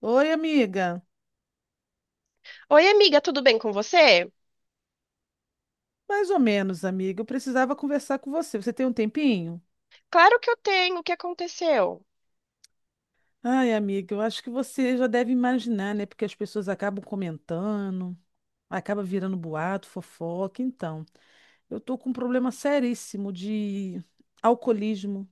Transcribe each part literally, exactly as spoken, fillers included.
Oi, amiga. Oi, amiga, tudo bem com você? Mais ou menos, amiga. Eu precisava conversar com você. Você tem um tempinho? Claro que eu tenho. O que aconteceu? Ai, amiga, eu acho que você já deve imaginar, né? Porque as pessoas acabam comentando, acaba virando boato, fofoca. Então, eu tô com um problema seríssimo de alcoolismo.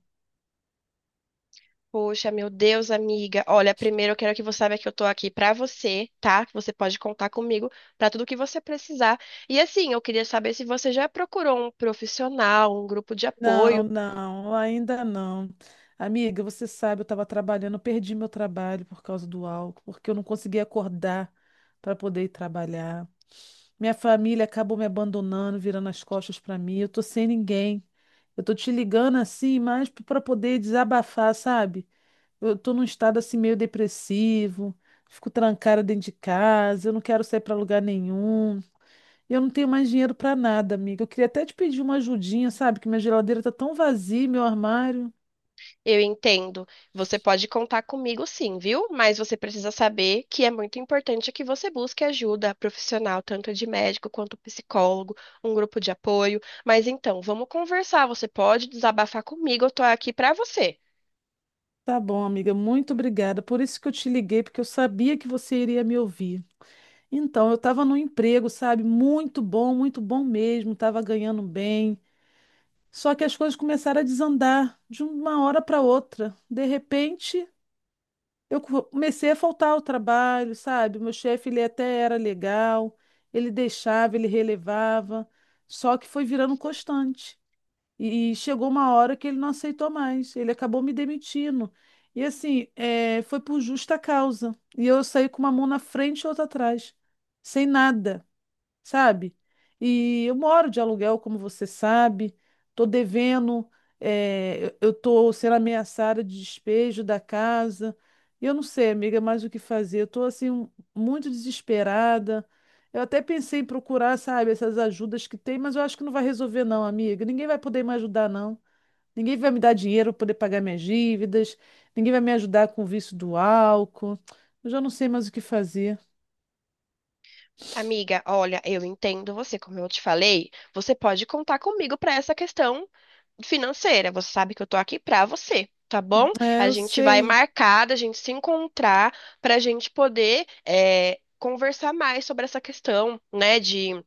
Poxa, meu Deus, amiga. Olha, primeiro eu quero que você saiba que eu tô aqui pra você, tá? Que Você pode contar comigo pra tudo que você precisar. E assim, eu queria saber se você já procurou um profissional, um grupo de Não, apoio. não, ainda não. Amiga, você sabe, eu estava trabalhando, eu perdi meu trabalho por causa do álcool, porque eu não conseguia acordar para poder ir trabalhar. Minha família acabou me abandonando, virando as costas para mim. Eu tô sem ninguém. Eu tô te ligando assim, mas para poder desabafar, sabe? Eu tô num estado assim meio depressivo, fico trancada dentro de casa, eu não quero sair para lugar nenhum. Eu não tenho mais dinheiro para nada, amiga. Eu queria até te pedir uma ajudinha, sabe? Que minha geladeira tá tão vazia, meu armário. Eu entendo. Você pode contar comigo sim, viu? Mas você precisa saber que é muito importante que você busque ajuda profissional, tanto de médico quanto psicólogo, um grupo de apoio. Mas então, vamos conversar. Você pode desabafar comigo, eu tô aqui pra você. Tá bom, amiga, muito obrigada. Por isso que eu te liguei, porque eu sabia que você iria me ouvir. Então, eu estava num emprego, sabe, muito bom, muito bom mesmo, estava ganhando bem. Só que as coisas começaram a desandar de uma hora para outra. De repente, eu co- comecei a faltar ao trabalho, sabe? O meu chefe, ele até era legal, ele deixava, ele relevava, só que foi virando constante. E chegou uma hora que ele não aceitou mais, ele acabou me demitindo. E assim, eh, foi por justa causa. E eu saí com uma mão na frente e outra atrás, sem nada, sabe? E eu moro de aluguel, como você sabe, tô devendo, eh, eu eu tô sendo ameaçada de despejo da casa. E eu não sei, amiga, é mais o que fazer. Eu tô assim um- muito desesperada. Eu até pensei em procurar, sabe, essas ajudas que tem, mas eu acho que não vai resolver não, amiga. Ninguém vai poder me ajudar não. Ninguém vai me dar dinheiro para poder pagar minhas dívidas. Ninguém vai me ajudar com o vício do álcool. Eu já não sei mais o que fazer. Amiga, olha, eu entendo você, como eu te falei, você pode contar comigo pra essa questão financeira. Você sabe que eu tô aqui pra você, tá bom? É, A eu gente vai sei. marcar, a gente se encontrar pra gente poder é, conversar mais sobre essa questão, né, de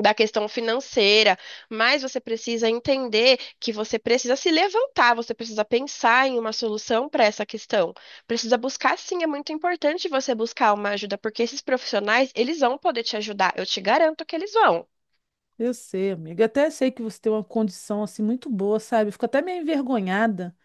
da questão financeira. Mas você precisa entender que você precisa se levantar, você precisa pensar em uma solução para essa questão. Precisa buscar, sim, é muito importante você buscar uma ajuda, porque esses profissionais, eles vão poder te ajudar. Eu te garanto que eles vão. Eu sei, amiga. Até sei que você tem uma condição assim muito boa, sabe? Eu fico até meio envergonhada,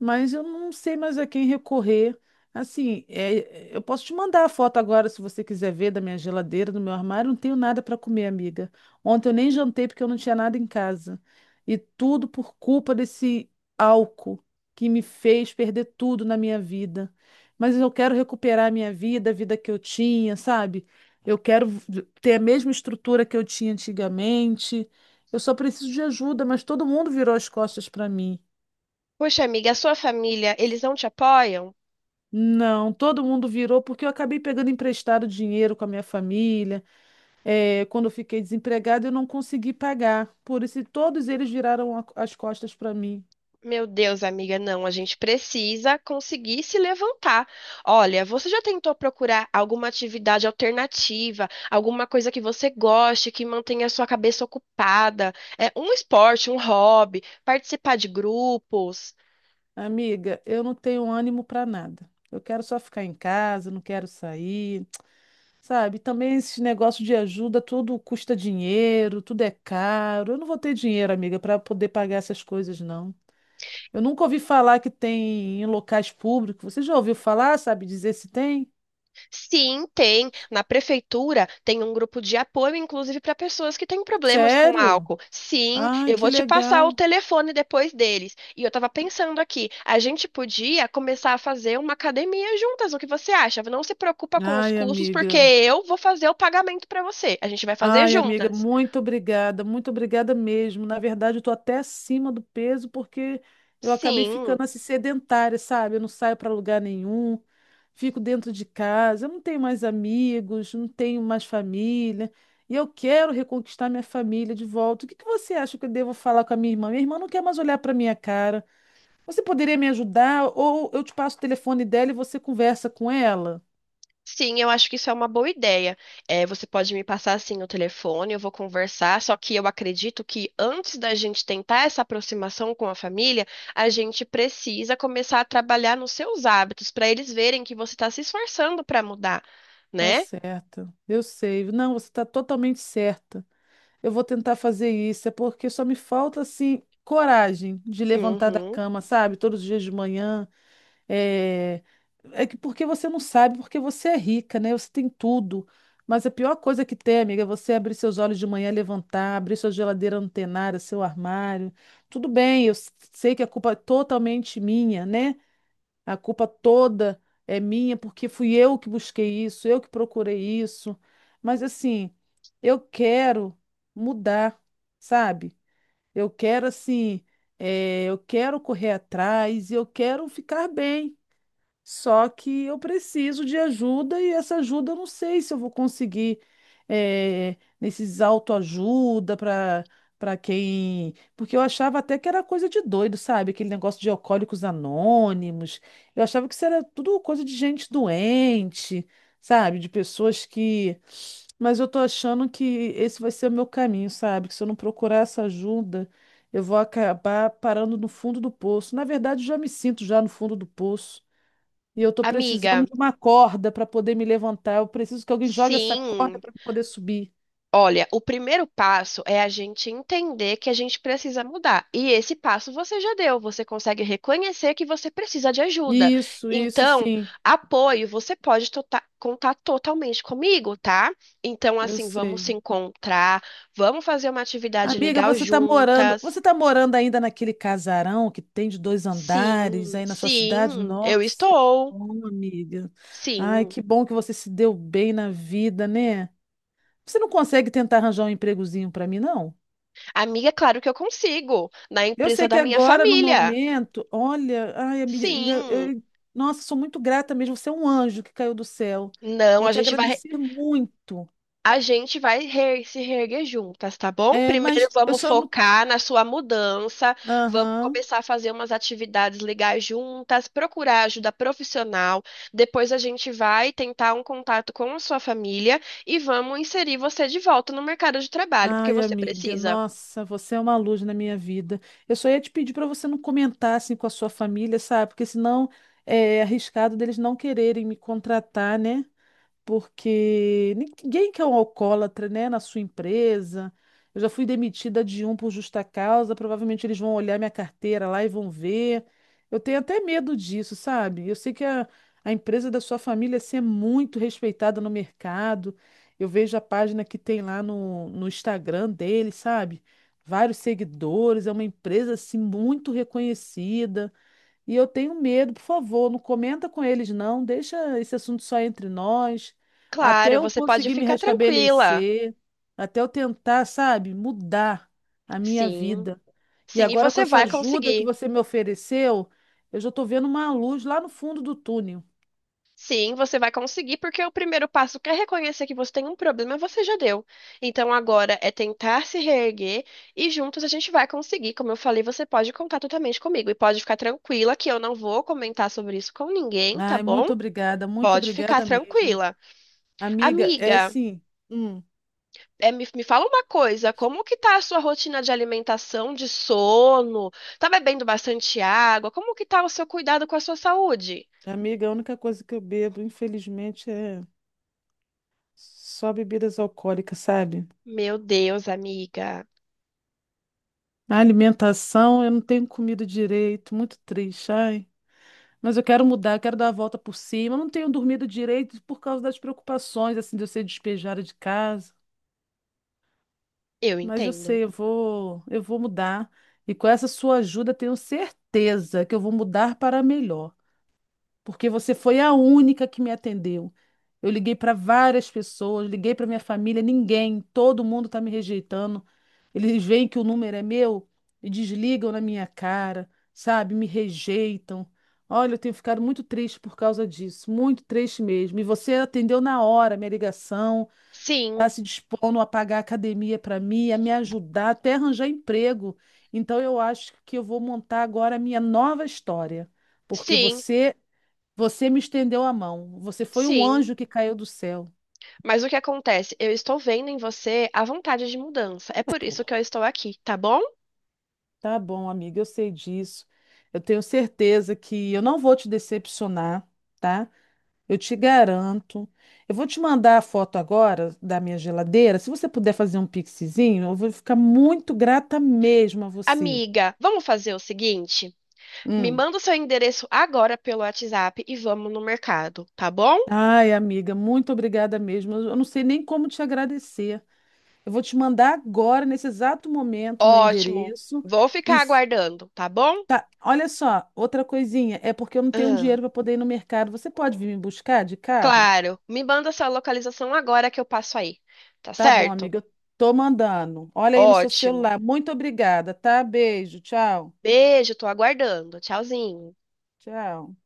mas eu não sei mais a quem recorrer. Assim, é, eu posso te mandar a foto agora, se você quiser ver, da minha geladeira, do meu armário. Não tenho nada para comer, amiga. Ontem eu nem jantei porque eu não tinha nada em casa. E tudo por culpa desse álcool que me fez perder tudo na minha vida. Mas eu quero recuperar a minha vida, a vida que eu tinha, sabe? Eu quero v- ter a mesma estrutura que eu tinha antigamente. Eu só preciso de ajuda, mas todo mundo virou as costas para mim. Poxa, amiga, a sua família, eles não te apoiam? Não, todo mundo virou porque eu acabei pegando emprestado dinheiro com a minha família. Eh, quando eu fiquei desempregada, eu não consegui pagar. Por isso, todos eles viraram a- as costas para mim. Meu Deus, amiga, não, a gente precisa conseguir se levantar. Olha, você já tentou procurar alguma atividade alternativa, alguma coisa que você goste, que mantenha a sua cabeça ocupada? É um esporte, um hobby, participar de grupos? Amiga, eu não tenho ânimo para nada. Eu quero só ficar em casa, não quero sair, sabe? Também esses negócios de ajuda, tudo custa dinheiro, tudo é caro. Eu não vou ter dinheiro, amiga, para poder pagar essas coisas, não. Eu nunca ouvi falar que tem em locais públicos. Você já ouviu falar, sabe, dizer se tem? Sim, tem. Na prefeitura tem um grupo de apoio, inclusive para pessoas que têm problemas com Sério? álcool. Sim, Ai, eu que vou te passar o legal. telefone depois deles. E eu tava pensando aqui, a gente podia começar a fazer uma academia juntas. O que você acha? Não se preocupa com os Ai, custos, porque amiga. eu vou fazer o pagamento para você. A gente vai fazer Ai, amiga, juntas. muito obrigada, muito obrigada mesmo. Na verdade, eu estou até acima do peso porque eu acabei ficando Sim. assim sedentária, sabe? Eu não saio para lugar nenhum, fico dentro de casa, eu não tenho mais amigos, não tenho mais família. E eu quero reconquistar minha família de volta. O que que você acha que eu devo falar com a minha irmã? Minha irmã não quer mais olhar para minha cara. Você poderia me ajudar? Ou eu te passo o telefone dela e você conversa com ela? Sim, eu acho que isso é uma boa ideia. É, você pode me passar assim o telefone, eu vou conversar, só que eu acredito que antes da gente tentar essa aproximação com a família, a gente precisa começar a trabalhar nos seus hábitos, para eles verem que você está se esforçando para mudar, Tá né? certa. Eu sei. Não, você tá totalmente certa. Eu vou tentar fazer isso, é porque só me falta, assim, coragem de levantar da Uhum. cama, sabe? Todos os dias de manhã. É, é que porque você não sabe, porque você é rica, né? Você tem tudo. Mas a pior coisa que tem, amiga, é você abrir seus olhos de manhã, levantar, abrir sua geladeira antenada, seu armário. Tudo bem, eu s- sei que a culpa é totalmente minha, né? A culpa toda é minha porque fui eu que busquei isso, eu que procurei isso. Mas assim, eu quero mudar, sabe? Eu quero assim, eh, eu quero correr atrás e eu quero ficar bem. Só que eu preciso de ajuda e essa ajuda eu não sei se eu vou conseguir, eh, nesses autoajuda para para quem. Porque eu achava até que era coisa de doido, sabe? Aquele negócio de alcoólicos anônimos. Eu achava que isso era tudo coisa de gente doente, sabe? De pessoas que. Mas eu tô achando que esse vai ser o meu caminho, sabe? Que se eu não procurar essa ajuda, eu vou acabar parando no fundo do poço. Na verdade, eu já me sinto já no fundo do poço. E eu tô precisando Amiga, de uma corda para poder me levantar. Eu preciso que alguém jogue essa corda sim, para poder subir. olha, o primeiro passo é a gente entender que a gente precisa mudar. E esse passo você já deu, você consegue reconhecer que você precisa de ajuda. Isso, isso Então, sim. apoio, você pode tota- contar totalmente comigo, tá? Então, Eu assim, vamos se sei. encontrar, vamos fazer uma atividade Amiga, legal você tá morando, você juntas. tá morando ainda naquele casarão que tem de dois andares Sim, aí na sua cidade? sim, eu Nossa, que estou. bom, amiga. Ai, Sim. que bom que você se deu bem na vida, né? Você não consegue tentar arranjar um empregozinho para mim, não? Amiga, claro que eu consigo, na Eu sei empresa da que minha agora, no família. momento, olha, ai, amiga, Sim. eu- nossa, sou muito grata mesmo. Você é um anjo que caiu do céu. Não, Vou a te gente vai. agradecer muito. A gente vai reer- se reerguer juntas, tá bom? É, Primeiro mas eu vamos só não. focar na sua mudança, vamos Aham. começar a fazer umas atividades legais juntas, procurar ajuda profissional. Depois a gente vai tentar um contato com a sua família e vamos inserir você de volta no mercado de trabalho, porque Ai, você amiga, precisa. nossa, você é uma luz na minha vida. Eu só ia te pedir para você não comentar assim com a sua família, sabe? Porque senão é é arriscado deles não quererem me contratar, né? Porque ninguém quer um alcoólatra, né, na sua empresa. Eu já fui demitida de um por justa causa, provavelmente eles vão olhar minha carteira lá e vão ver. Eu tenho até medo disso, sabe? Eu sei que a, a empresa da sua família assim, é muito respeitada no mercado. Eu vejo a página que tem lá no, no Instagram dele, sabe? Vários seguidores, é uma empresa assim muito reconhecida. E eu tenho medo, por favor, não comenta com eles, não. Deixa esse assunto só entre nós. Até Claro, eu você pode conseguir me ficar tranquila. restabelecer, até eu tentar, sabe, mudar a minha Sim, vida. E sim, e agora, com você essa vai ajuda que conseguir. você me ofereceu, eu já estou vendo uma luz lá no fundo do túnel. Sim, você vai conseguir, porque o primeiro passo que é reconhecer que você tem um problema, você já deu. Então agora é tentar se reerguer e juntos a gente vai conseguir. Como eu falei, você pode contar totalmente comigo e pode ficar tranquila que eu não vou comentar sobre isso com ninguém, tá Ai, bom? muito obrigada, muito Pode ficar obrigada mesmo. tranquila. Amiga, é Amiga, assim, hum, é, me, me fala uma coisa, como que tá a sua rotina de alimentação, de sono? Tá bebendo bastante água? Como que tá o seu cuidado com a sua saúde? amiga, a única coisa que eu bebo, infelizmente, é só bebidas alcoólicas, sabe? Meu Deus, amiga, A alimentação, eu não tenho comido direito, muito triste, ai. Mas eu quero mudar, eu quero dar a volta por cima. Eu não tenho dormido direito por causa das preocupações, assim, de eu ser despejada de casa. eu Mas eu entendo. sei, eu vou, eu vou mudar. E com essa sua ajuda, tenho certeza que eu vou mudar para melhor. Porque você foi a única que me atendeu. Eu liguei para várias pessoas, liguei para minha família, ninguém, todo mundo está me rejeitando. Eles veem que o número é meu e desligam na minha cara, sabe? Me rejeitam. Olha, eu tenho ficado muito triste por causa disso, muito triste mesmo. E você atendeu na hora a minha ligação, está Sim, se dispondo a pagar a academia para mim, a me ajudar, até arranjar emprego. Então eu acho que eu vou montar agora a minha nova história, porque sim, você você me estendeu a mão. Você foi um sim. anjo que caiu do céu. Mas o que acontece? Eu estou vendo em você a vontade de mudança. É por isso que eu estou aqui, tá bom? Tá bom, amiga, eu sei disso. Eu tenho certeza que eu não vou te decepcionar, tá? Eu te garanto. Eu vou te mandar a foto agora da minha geladeira. Se você puder fazer um pixizinho, eu vou ficar muito grata mesmo a você. Amiga, vamos fazer o seguinte? Me Hum. manda o seu endereço agora pelo WhatsApp e vamos no mercado, tá bom? Ai, amiga, muito obrigada mesmo. Eu eu não sei nem como te agradecer. Eu vou te mandar agora, nesse exato momento, meu Ótimo. endereço. Vou E ficar aguardando, tá bom? Tá, olha só, outra coisinha, é porque eu não tenho Ah, dinheiro para poder ir no mercado. Você pode vir me buscar de carro? claro. Me manda sua localização agora que eu passo aí, tá Tá bom, certo? amiga, eu tô mandando. Olha aí no seu Ótimo. celular. Muito obrigada, tá? Beijo, tchau. Beijo, tô aguardando. Tchauzinho. Tchau.